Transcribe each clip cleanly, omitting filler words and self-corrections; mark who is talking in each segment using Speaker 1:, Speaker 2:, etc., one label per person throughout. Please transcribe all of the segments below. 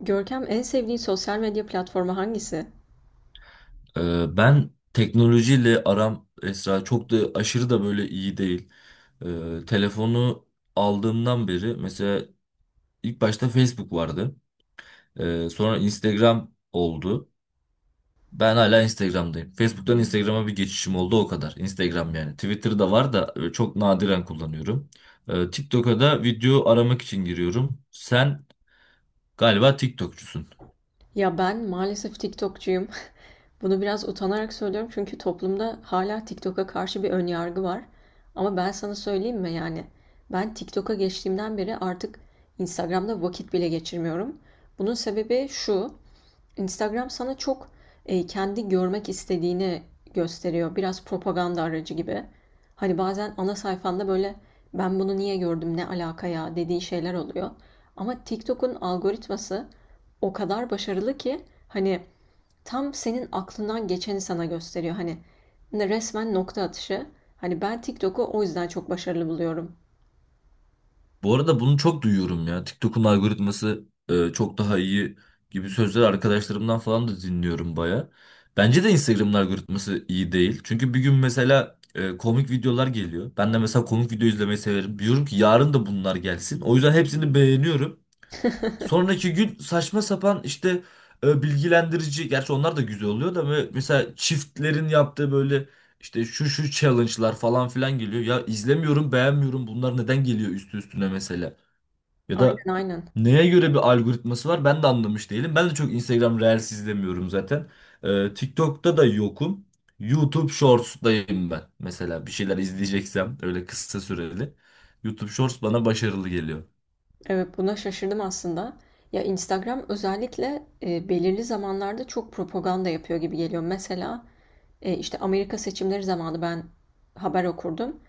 Speaker 1: Görkem, en sevdiğin sosyal medya platformu hangisi?
Speaker 2: Ben teknolojiyle aram Esra çok da aşırı da böyle iyi değil. Telefonu aldığımdan beri mesela ilk başta Facebook vardı. Sonra Instagram oldu. Ben hala Instagram'dayım. Facebook'tan Instagram'a bir geçişim oldu o kadar. Instagram yani. Twitter'da var da çok nadiren kullanıyorum. TikTok'a da video aramak için giriyorum. Sen galiba Tiktokçusun.
Speaker 1: Ya ben maalesef TikTokçuyum. Bunu biraz utanarak söylüyorum çünkü toplumda hala TikTok'a karşı bir ön yargı var. Ama ben sana söyleyeyim mi yani? Ben TikTok'a geçtiğimden beri artık Instagram'da vakit bile geçirmiyorum. Bunun sebebi şu: Instagram sana çok kendi görmek istediğini gösteriyor. Biraz propaganda aracı gibi. Hani bazen ana sayfanda böyle ben bunu niye gördüm ne alaka ya dediği şeyler oluyor. Ama TikTok'un algoritması o kadar başarılı ki hani tam senin aklından geçeni sana gösteriyor. Hani resmen nokta atışı. Hani ben TikTok'u o yüzden çok başarılı buluyorum.
Speaker 2: Bu arada bunu çok duyuyorum ya. TikTok'un algoritması çok daha iyi gibi sözler arkadaşlarımdan falan da dinliyorum baya. Bence de Instagram'ın algoritması iyi değil. Çünkü bir gün mesela komik videolar geliyor. Ben de mesela komik video izlemeyi severim. Diyorum ki yarın da bunlar gelsin. O yüzden hepsini beğeniyorum. Sonraki gün saçma sapan işte bilgilendirici. Gerçi onlar da güzel oluyor da böyle mesela çiftlerin yaptığı böyle işte şu şu challenge'lar falan filan geliyor. Ya izlemiyorum, beğenmiyorum. Bunlar neden geliyor üstü üstüne mesela? Ya da
Speaker 1: Aynen, aynen.
Speaker 2: neye göre bir algoritması var ben de anlamış değilim. Ben de çok Instagram Reels izlemiyorum zaten. TikTok'ta da yokum. YouTube Shorts'dayım ben. Mesela bir şeyler izleyeceksem öyle kısa süreli. YouTube Shorts bana başarılı geliyor.
Speaker 1: Evet, buna şaşırdım aslında. Ya Instagram özellikle belirli zamanlarda çok propaganda yapıyor gibi geliyor. Mesela işte Amerika seçimleri zamanı ben haber okurdum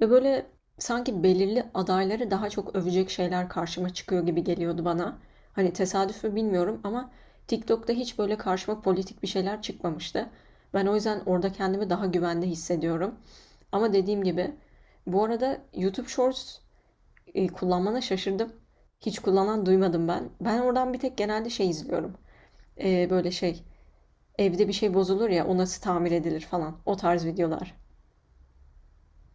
Speaker 1: ve böyle sanki belirli adayları daha çok övecek şeyler karşıma çıkıyor gibi geliyordu bana. Hani tesadüf mü bilmiyorum ama TikTok'ta hiç böyle karşıma politik bir şeyler çıkmamıştı. Ben o yüzden orada kendimi daha güvende hissediyorum. Ama dediğim gibi, bu arada YouTube Shorts kullanmana şaşırdım. Hiç kullanan duymadım ben. Ben oradan bir tek genelde şey izliyorum. Böyle şey, evde bir şey bozulur ya o nasıl tamir edilir falan. O tarz videolar.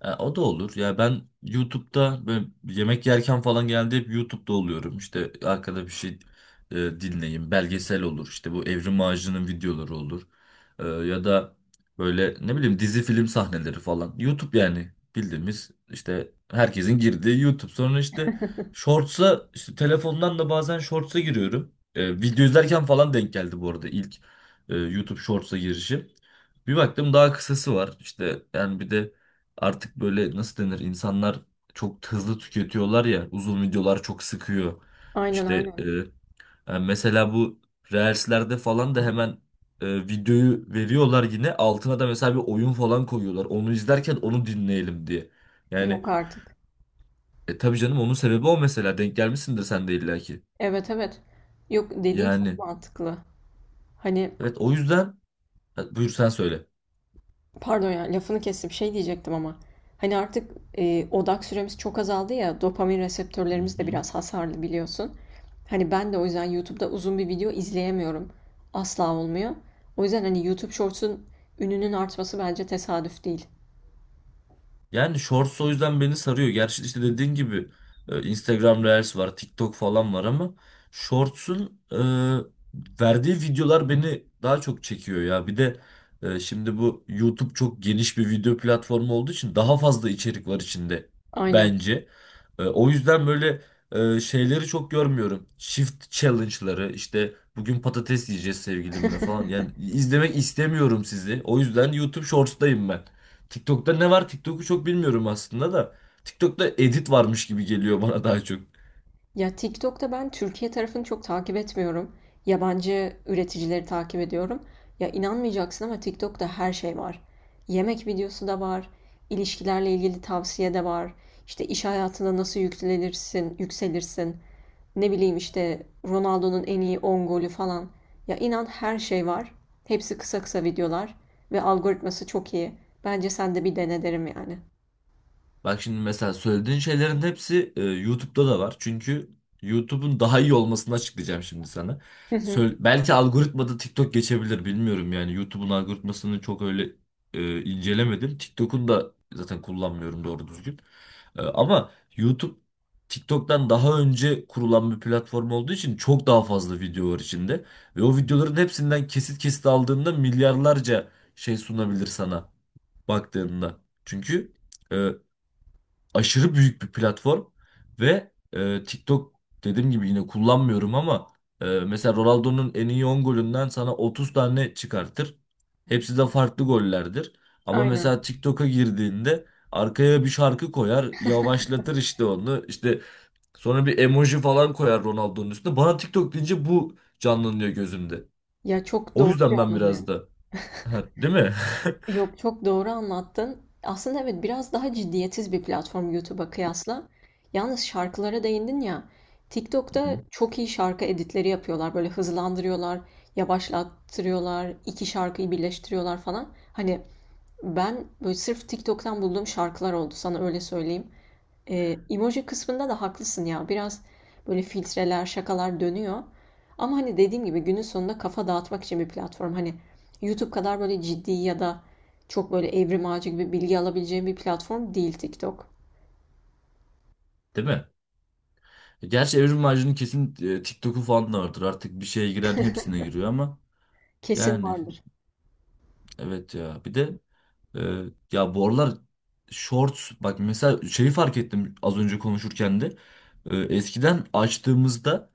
Speaker 2: E, o da olur. Ya ben YouTube'da böyle yemek yerken falan geldi hep YouTube'da oluyorum. İşte arkada bir şey dinleyeyim. Belgesel olur. İşte bu Evrim Ağacı'nın videoları olur. Ya da böyle ne bileyim dizi film sahneleri falan. YouTube yani bildiğimiz işte herkesin girdiği YouTube. Sonra işte Shorts'a işte telefondan da bazen Shorts'a giriyorum. Video izlerken falan denk geldi bu arada ilk YouTube Shorts'a girişim. Bir baktım daha kısası var. İşte yani bir de artık böyle nasıl denir, insanlar çok hızlı tüketiyorlar ya, uzun videolar çok sıkıyor.
Speaker 1: Aynen,
Speaker 2: İşte
Speaker 1: aynen.
Speaker 2: yani mesela bu Reels'lerde falan da hemen videoyu veriyorlar, yine altına da mesela bir oyun falan koyuyorlar. Onu izlerken onu dinleyelim diye. Yani
Speaker 1: Yok artık.
Speaker 2: tabii canım, onun sebebi o, mesela denk gelmişsindir sen de illaki.
Speaker 1: Evet, evet. Yok, dediğin çok
Speaker 2: Yani
Speaker 1: mantıklı. Hani
Speaker 2: evet, o yüzden. Ha, buyur sen söyle.
Speaker 1: pardon ya, lafını kestim. Şey diyecektim ama. Hani artık odak süremiz çok azaldı ya. Dopamin
Speaker 2: Hı
Speaker 1: reseptörlerimiz de
Speaker 2: hı.
Speaker 1: biraz hasarlı biliyorsun. Hani ben de o yüzden YouTube'da uzun bir video izleyemiyorum. Asla olmuyor. O yüzden hani YouTube Shorts'un ününün artması bence tesadüf değil.
Speaker 2: Yani Shorts o yüzden beni sarıyor. Gerçi işte dediğin gibi Instagram Reels var, TikTok falan var ama Shorts'un verdiği videolar beni daha çok çekiyor ya. Bir de şimdi bu YouTube çok geniş bir video platformu olduğu için daha fazla içerik var içinde
Speaker 1: Aynen.
Speaker 2: bence. O yüzden böyle şeyleri çok görmüyorum. Shift challenge'ları işte, bugün patates yiyeceğiz sevgilimle falan. Yani izlemek istemiyorum sizi. O yüzden YouTube Shorts'tayım ben. TikTok'ta ne var? TikTok'u çok bilmiyorum aslında da. TikTok'ta edit varmış gibi geliyor bana daha çok.
Speaker 1: Ya TikTok'ta ben Türkiye tarafını çok takip etmiyorum. Yabancı üreticileri takip ediyorum. Ya inanmayacaksın ama TikTok'ta her şey var. Yemek videosu da var, ilişkilerle ilgili tavsiye de var. İşte iş hayatında nasıl yükselirsin, yükselirsin. Ne bileyim işte Ronaldo'nun en iyi 10 golü falan. Ya inan her şey var. Hepsi kısa kısa videolar ve algoritması çok iyi. Bence sen de bir dene derim yani.
Speaker 2: Bak şimdi mesela söylediğin şeylerin hepsi YouTube'da da var. Çünkü YouTube'un daha iyi olmasını açıklayacağım şimdi sana.
Speaker 1: Hı hı,
Speaker 2: Söyle, belki algoritmada TikTok geçebilir, bilmiyorum yani. YouTube'un algoritmasını çok öyle incelemedim. TikTok'un da zaten kullanmıyorum doğru düzgün. Ama YouTube TikTok'tan daha önce kurulan bir platform olduğu için çok daha fazla video var içinde. Ve o videoların hepsinden kesit kesit aldığında milyarlarca şey sunabilir sana baktığında. Çünkü e, aşırı büyük bir platform ve TikTok, dediğim gibi yine kullanmıyorum ama mesela Ronaldo'nun en iyi 10 golünden sana 30 tane çıkartır. Hepsi de farklı gollerdir. Ama
Speaker 1: aynen.
Speaker 2: mesela TikTok'a girdiğinde arkaya bir şarkı koyar, yavaşlatır işte onu. İşte sonra bir emoji falan koyar Ronaldo'nun üstüne. Bana TikTok deyince bu canlanıyor gözümde.
Speaker 1: Ya çok
Speaker 2: O
Speaker 1: doğru,
Speaker 2: yüzden ben
Speaker 1: canlanıyor.
Speaker 2: biraz da değil mi?
Speaker 1: Yok, çok doğru anlattın. Aslında evet, biraz daha ciddiyetsiz bir platform YouTube'a kıyasla. Yalnız şarkılara değindin ya.
Speaker 2: Hı
Speaker 1: TikTok'ta
Speaker 2: hı.
Speaker 1: çok iyi şarkı editleri yapıyorlar. Böyle hızlandırıyorlar, yavaşlattırıyorlar, iki şarkıyı birleştiriyorlar falan. Hani ben böyle sırf TikTok'tan bulduğum şarkılar oldu, sana öyle söyleyeyim. Emoji kısmında da haklısın ya. Biraz böyle filtreler, şakalar dönüyor. Ama hani dediğim gibi günün sonunda kafa dağıtmak için bir platform. Hani YouTube kadar böyle ciddi ya da çok böyle evrim ağacı gibi bilgi alabileceğim bir platform değil TikTok.
Speaker 2: Değil mi? Gerçi Evrim Ağacı'nın kesin TikTok'u falan da vardır. Artık bir şeye giren hepsine giriyor ama
Speaker 1: Kesin
Speaker 2: yani
Speaker 1: vardır.
Speaker 2: evet ya. Bir de e, ya bu aralar shorts, bak mesela şeyi fark ettim az önce konuşurken de. Eskiden açtığımızda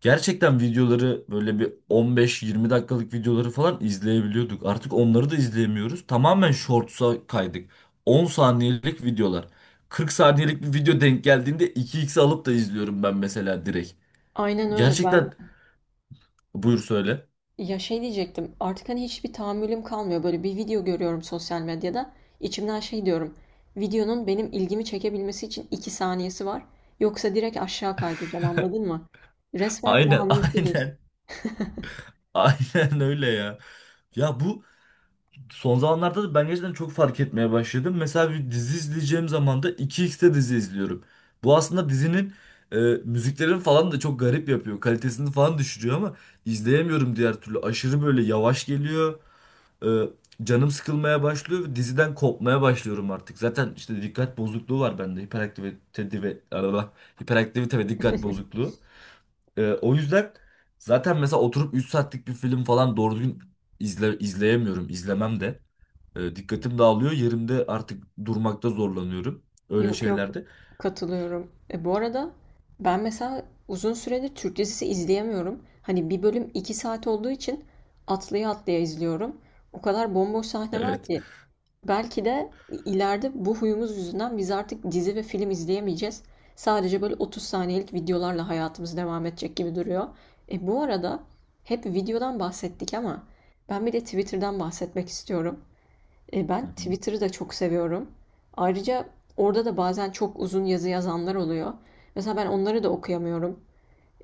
Speaker 2: gerçekten videoları böyle bir 15-20 dakikalık videoları falan izleyebiliyorduk. Artık onları da izleyemiyoruz. Tamamen shorts'a kaydık. 10 saniyelik videolar. 40 saniyelik bir video denk geldiğinde 2x alıp da izliyorum ben mesela direkt.
Speaker 1: Aynen öyle, ben de.
Speaker 2: Gerçekten. Buyur söyle.
Speaker 1: Ya şey diyecektim, artık hani hiçbir tahammülüm kalmıyor. Böyle bir video görüyorum sosyal medyada. İçimden şey diyorum: videonun benim ilgimi çekebilmesi için 2 saniyesi var. Yoksa direkt aşağı kaydıracağım, anladın mı? Resmen
Speaker 2: Aynen,
Speaker 1: tahammülsüzüz.
Speaker 2: aynen. Aynen öyle ya. Ya bu son zamanlarda da ben gerçekten çok fark etmeye başladım. Mesela bir dizi izleyeceğim zaman da 2x'te dizi izliyorum. Bu aslında dizinin e, müziklerini falan da çok garip yapıyor. Kalitesini falan düşürüyor ama izleyemiyorum diğer türlü. Aşırı böyle yavaş geliyor. E, Canım sıkılmaya başlıyor ve diziden kopmaya başlıyorum artık. Zaten işte dikkat bozukluğu var bende. Hiperaktivite ve dikkat bozukluğu. O yüzden zaten mesela oturup 3 saatlik bir film falan doğru düzgün izleyemiyorum. İzlemem de. Dikkatim dağılıyor. Yerimde artık durmakta zorlanıyorum. Öyle
Speaker 1: Yok, yok,
Speaker 2: şeylerde.
Speaker 1: katılıyorum. Bu arada ben mesela uzun süredir Türk dizisi izleyemiyorum. Hani bir bölüm 2 saat olduğu için atlaya atlaya izliyorum. O kadar bomboş sahne var
Speaker 2: Evet.
Speaker 1: ki. Belki de ileride bu huyumuz yüzünden biz artık dizi ve film izleyemeyeceğiz. Sadece böyle 30 saniyelik videolarla hayatımız devam edecek gibi duruyor. Bu arada hep videodan bahsettik ama ben bir de Twitter'dan bahsetmek istiyorum. Ben Twitter'ı da çok seviyorum. Ayrıca orada da bazen çok uzun yazı yazanlar oluyor. Mesela ben onları da okuyamıyorum.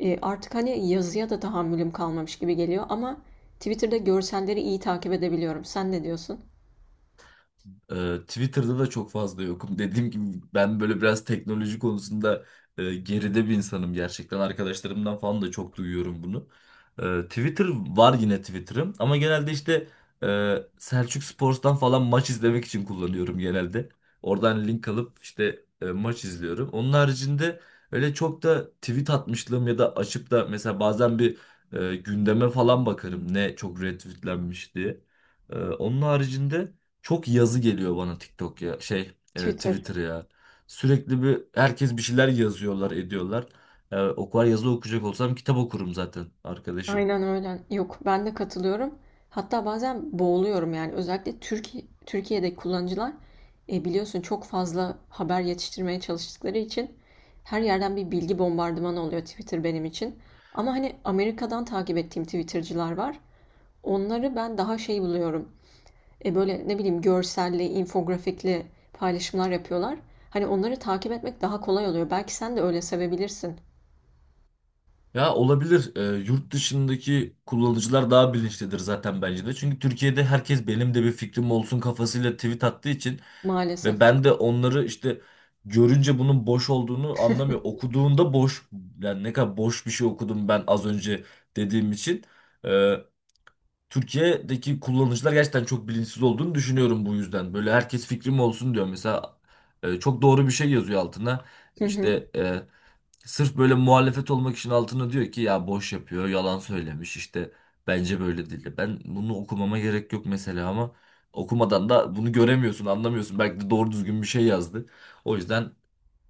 Speaker 1: Artık hani yazıya da tahammülüm kalmamış gibi geliyor ama Twitter'da görselleri iyi takip edebiliyorum. Sen ne diyorsun?
Speaker 2: Twitter'da da çok fazla yokum. Dediğim gibi ben böyle biraz teknoloji konusunda geride bir insanım gerçekten. Arkadaşlarımdan falan da çok duyuyorum bunu. Twitter var, yine Twitter'ım, ama genelde işte Selçuk Spor'dan falan maç izlemek için kullanıyorum genelde. Oradan link alıp işte maç izliyorum. Onun haricinde öyle çok da tweet atmışlığım, ya da açıp da mesela bazen bir gündeme falan bakarım ne çok retweetlenmiş diye. Onun haricinde çok yazı geliyor bana. TikTok ya
Speaker 1: Twitter.
Speaker 2: Twitter ya. Sürekli bir herkes bir şeyler yazıyorlar, ediyorlar. E, o kadar yazı okuyacak olsam kitap okurum zaten arkadaşım.
Speaker 1: Aynen öyle. Yok, ben de katılıyorum. Hatta bazen boğuluyorum yani. Özellikle Türkiye, Türkiye'deki kullanıcılar biliyorsun çok fazla haber yetiştirmeye çalıştıkları için her yerden bir bilgi bombardımanı oluyor Twitter benim için. Ama hani Amerika'dan takip ettiğim Twitter'cılar var. Onları ben daha şey buluyorum. Böyle ne bileyim görselli, infografikli paylaşımlar yapıyorlar. Hani onları takip etmek daha kolay oluyor. Belki sen de öyle sevebilirsin
Speaker 2: Ya olabilir, yurt dışındaki kullanıcılar daha bilinçlidir zaten bence de. Çünkü Türkiye'de herkes benim de bir fikrim olsun kafasıyla tweet attığı için
Speaker 1: maalesef.
Speaker 2: ve ben de onları işte görünce bunun boş olduğunu anlamıyor. Okuduğunda boş, yani ne kadar boş bir şey okudum ben az önce dediğim için. e, Türkiye'deki kullanıcılar gerçekten çok bilinçsiz olduğunu düşünüyorum bu yüzden. Böyle herkes fikrim olsun diyor. Mesela çok doğru bir şey yazıyor altına. İşte sırf böyle muhalefet olmak için altına diyor ki ya boş yapıyor, yalan söylemiş işte bence böyle değil. Ben bunu okumama gerek yok mesela, ama okumadan da bunu göremiyorsun, anlamıyorsun. Belki de doğru düzgün bir şey yazdı. O yüzden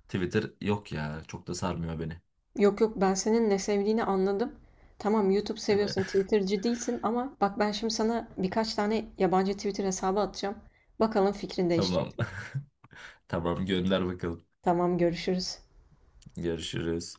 Speaker 2: Twitter yok ya, çok da sarmıyor beni.
Speaker 1: Yok, yok, ben senin ne sevdiğini anladım. Tamam, YouTube
Speaker 2: Değil mi?
Speaker 1: seviyorsun, Twitter'cı değilsin ama bak, ben şimdi sana birkaç tane yabancı Twitter hesabı atacağım. Bakalım fikrin
Speaker 2: Tamam.
Speaker 1: değişecek mi?
Speaker 2: Tamam, gönder bakalım.
Speaker 1: Tamam, görüşürüz.
Speaker 2: Görüşürüz.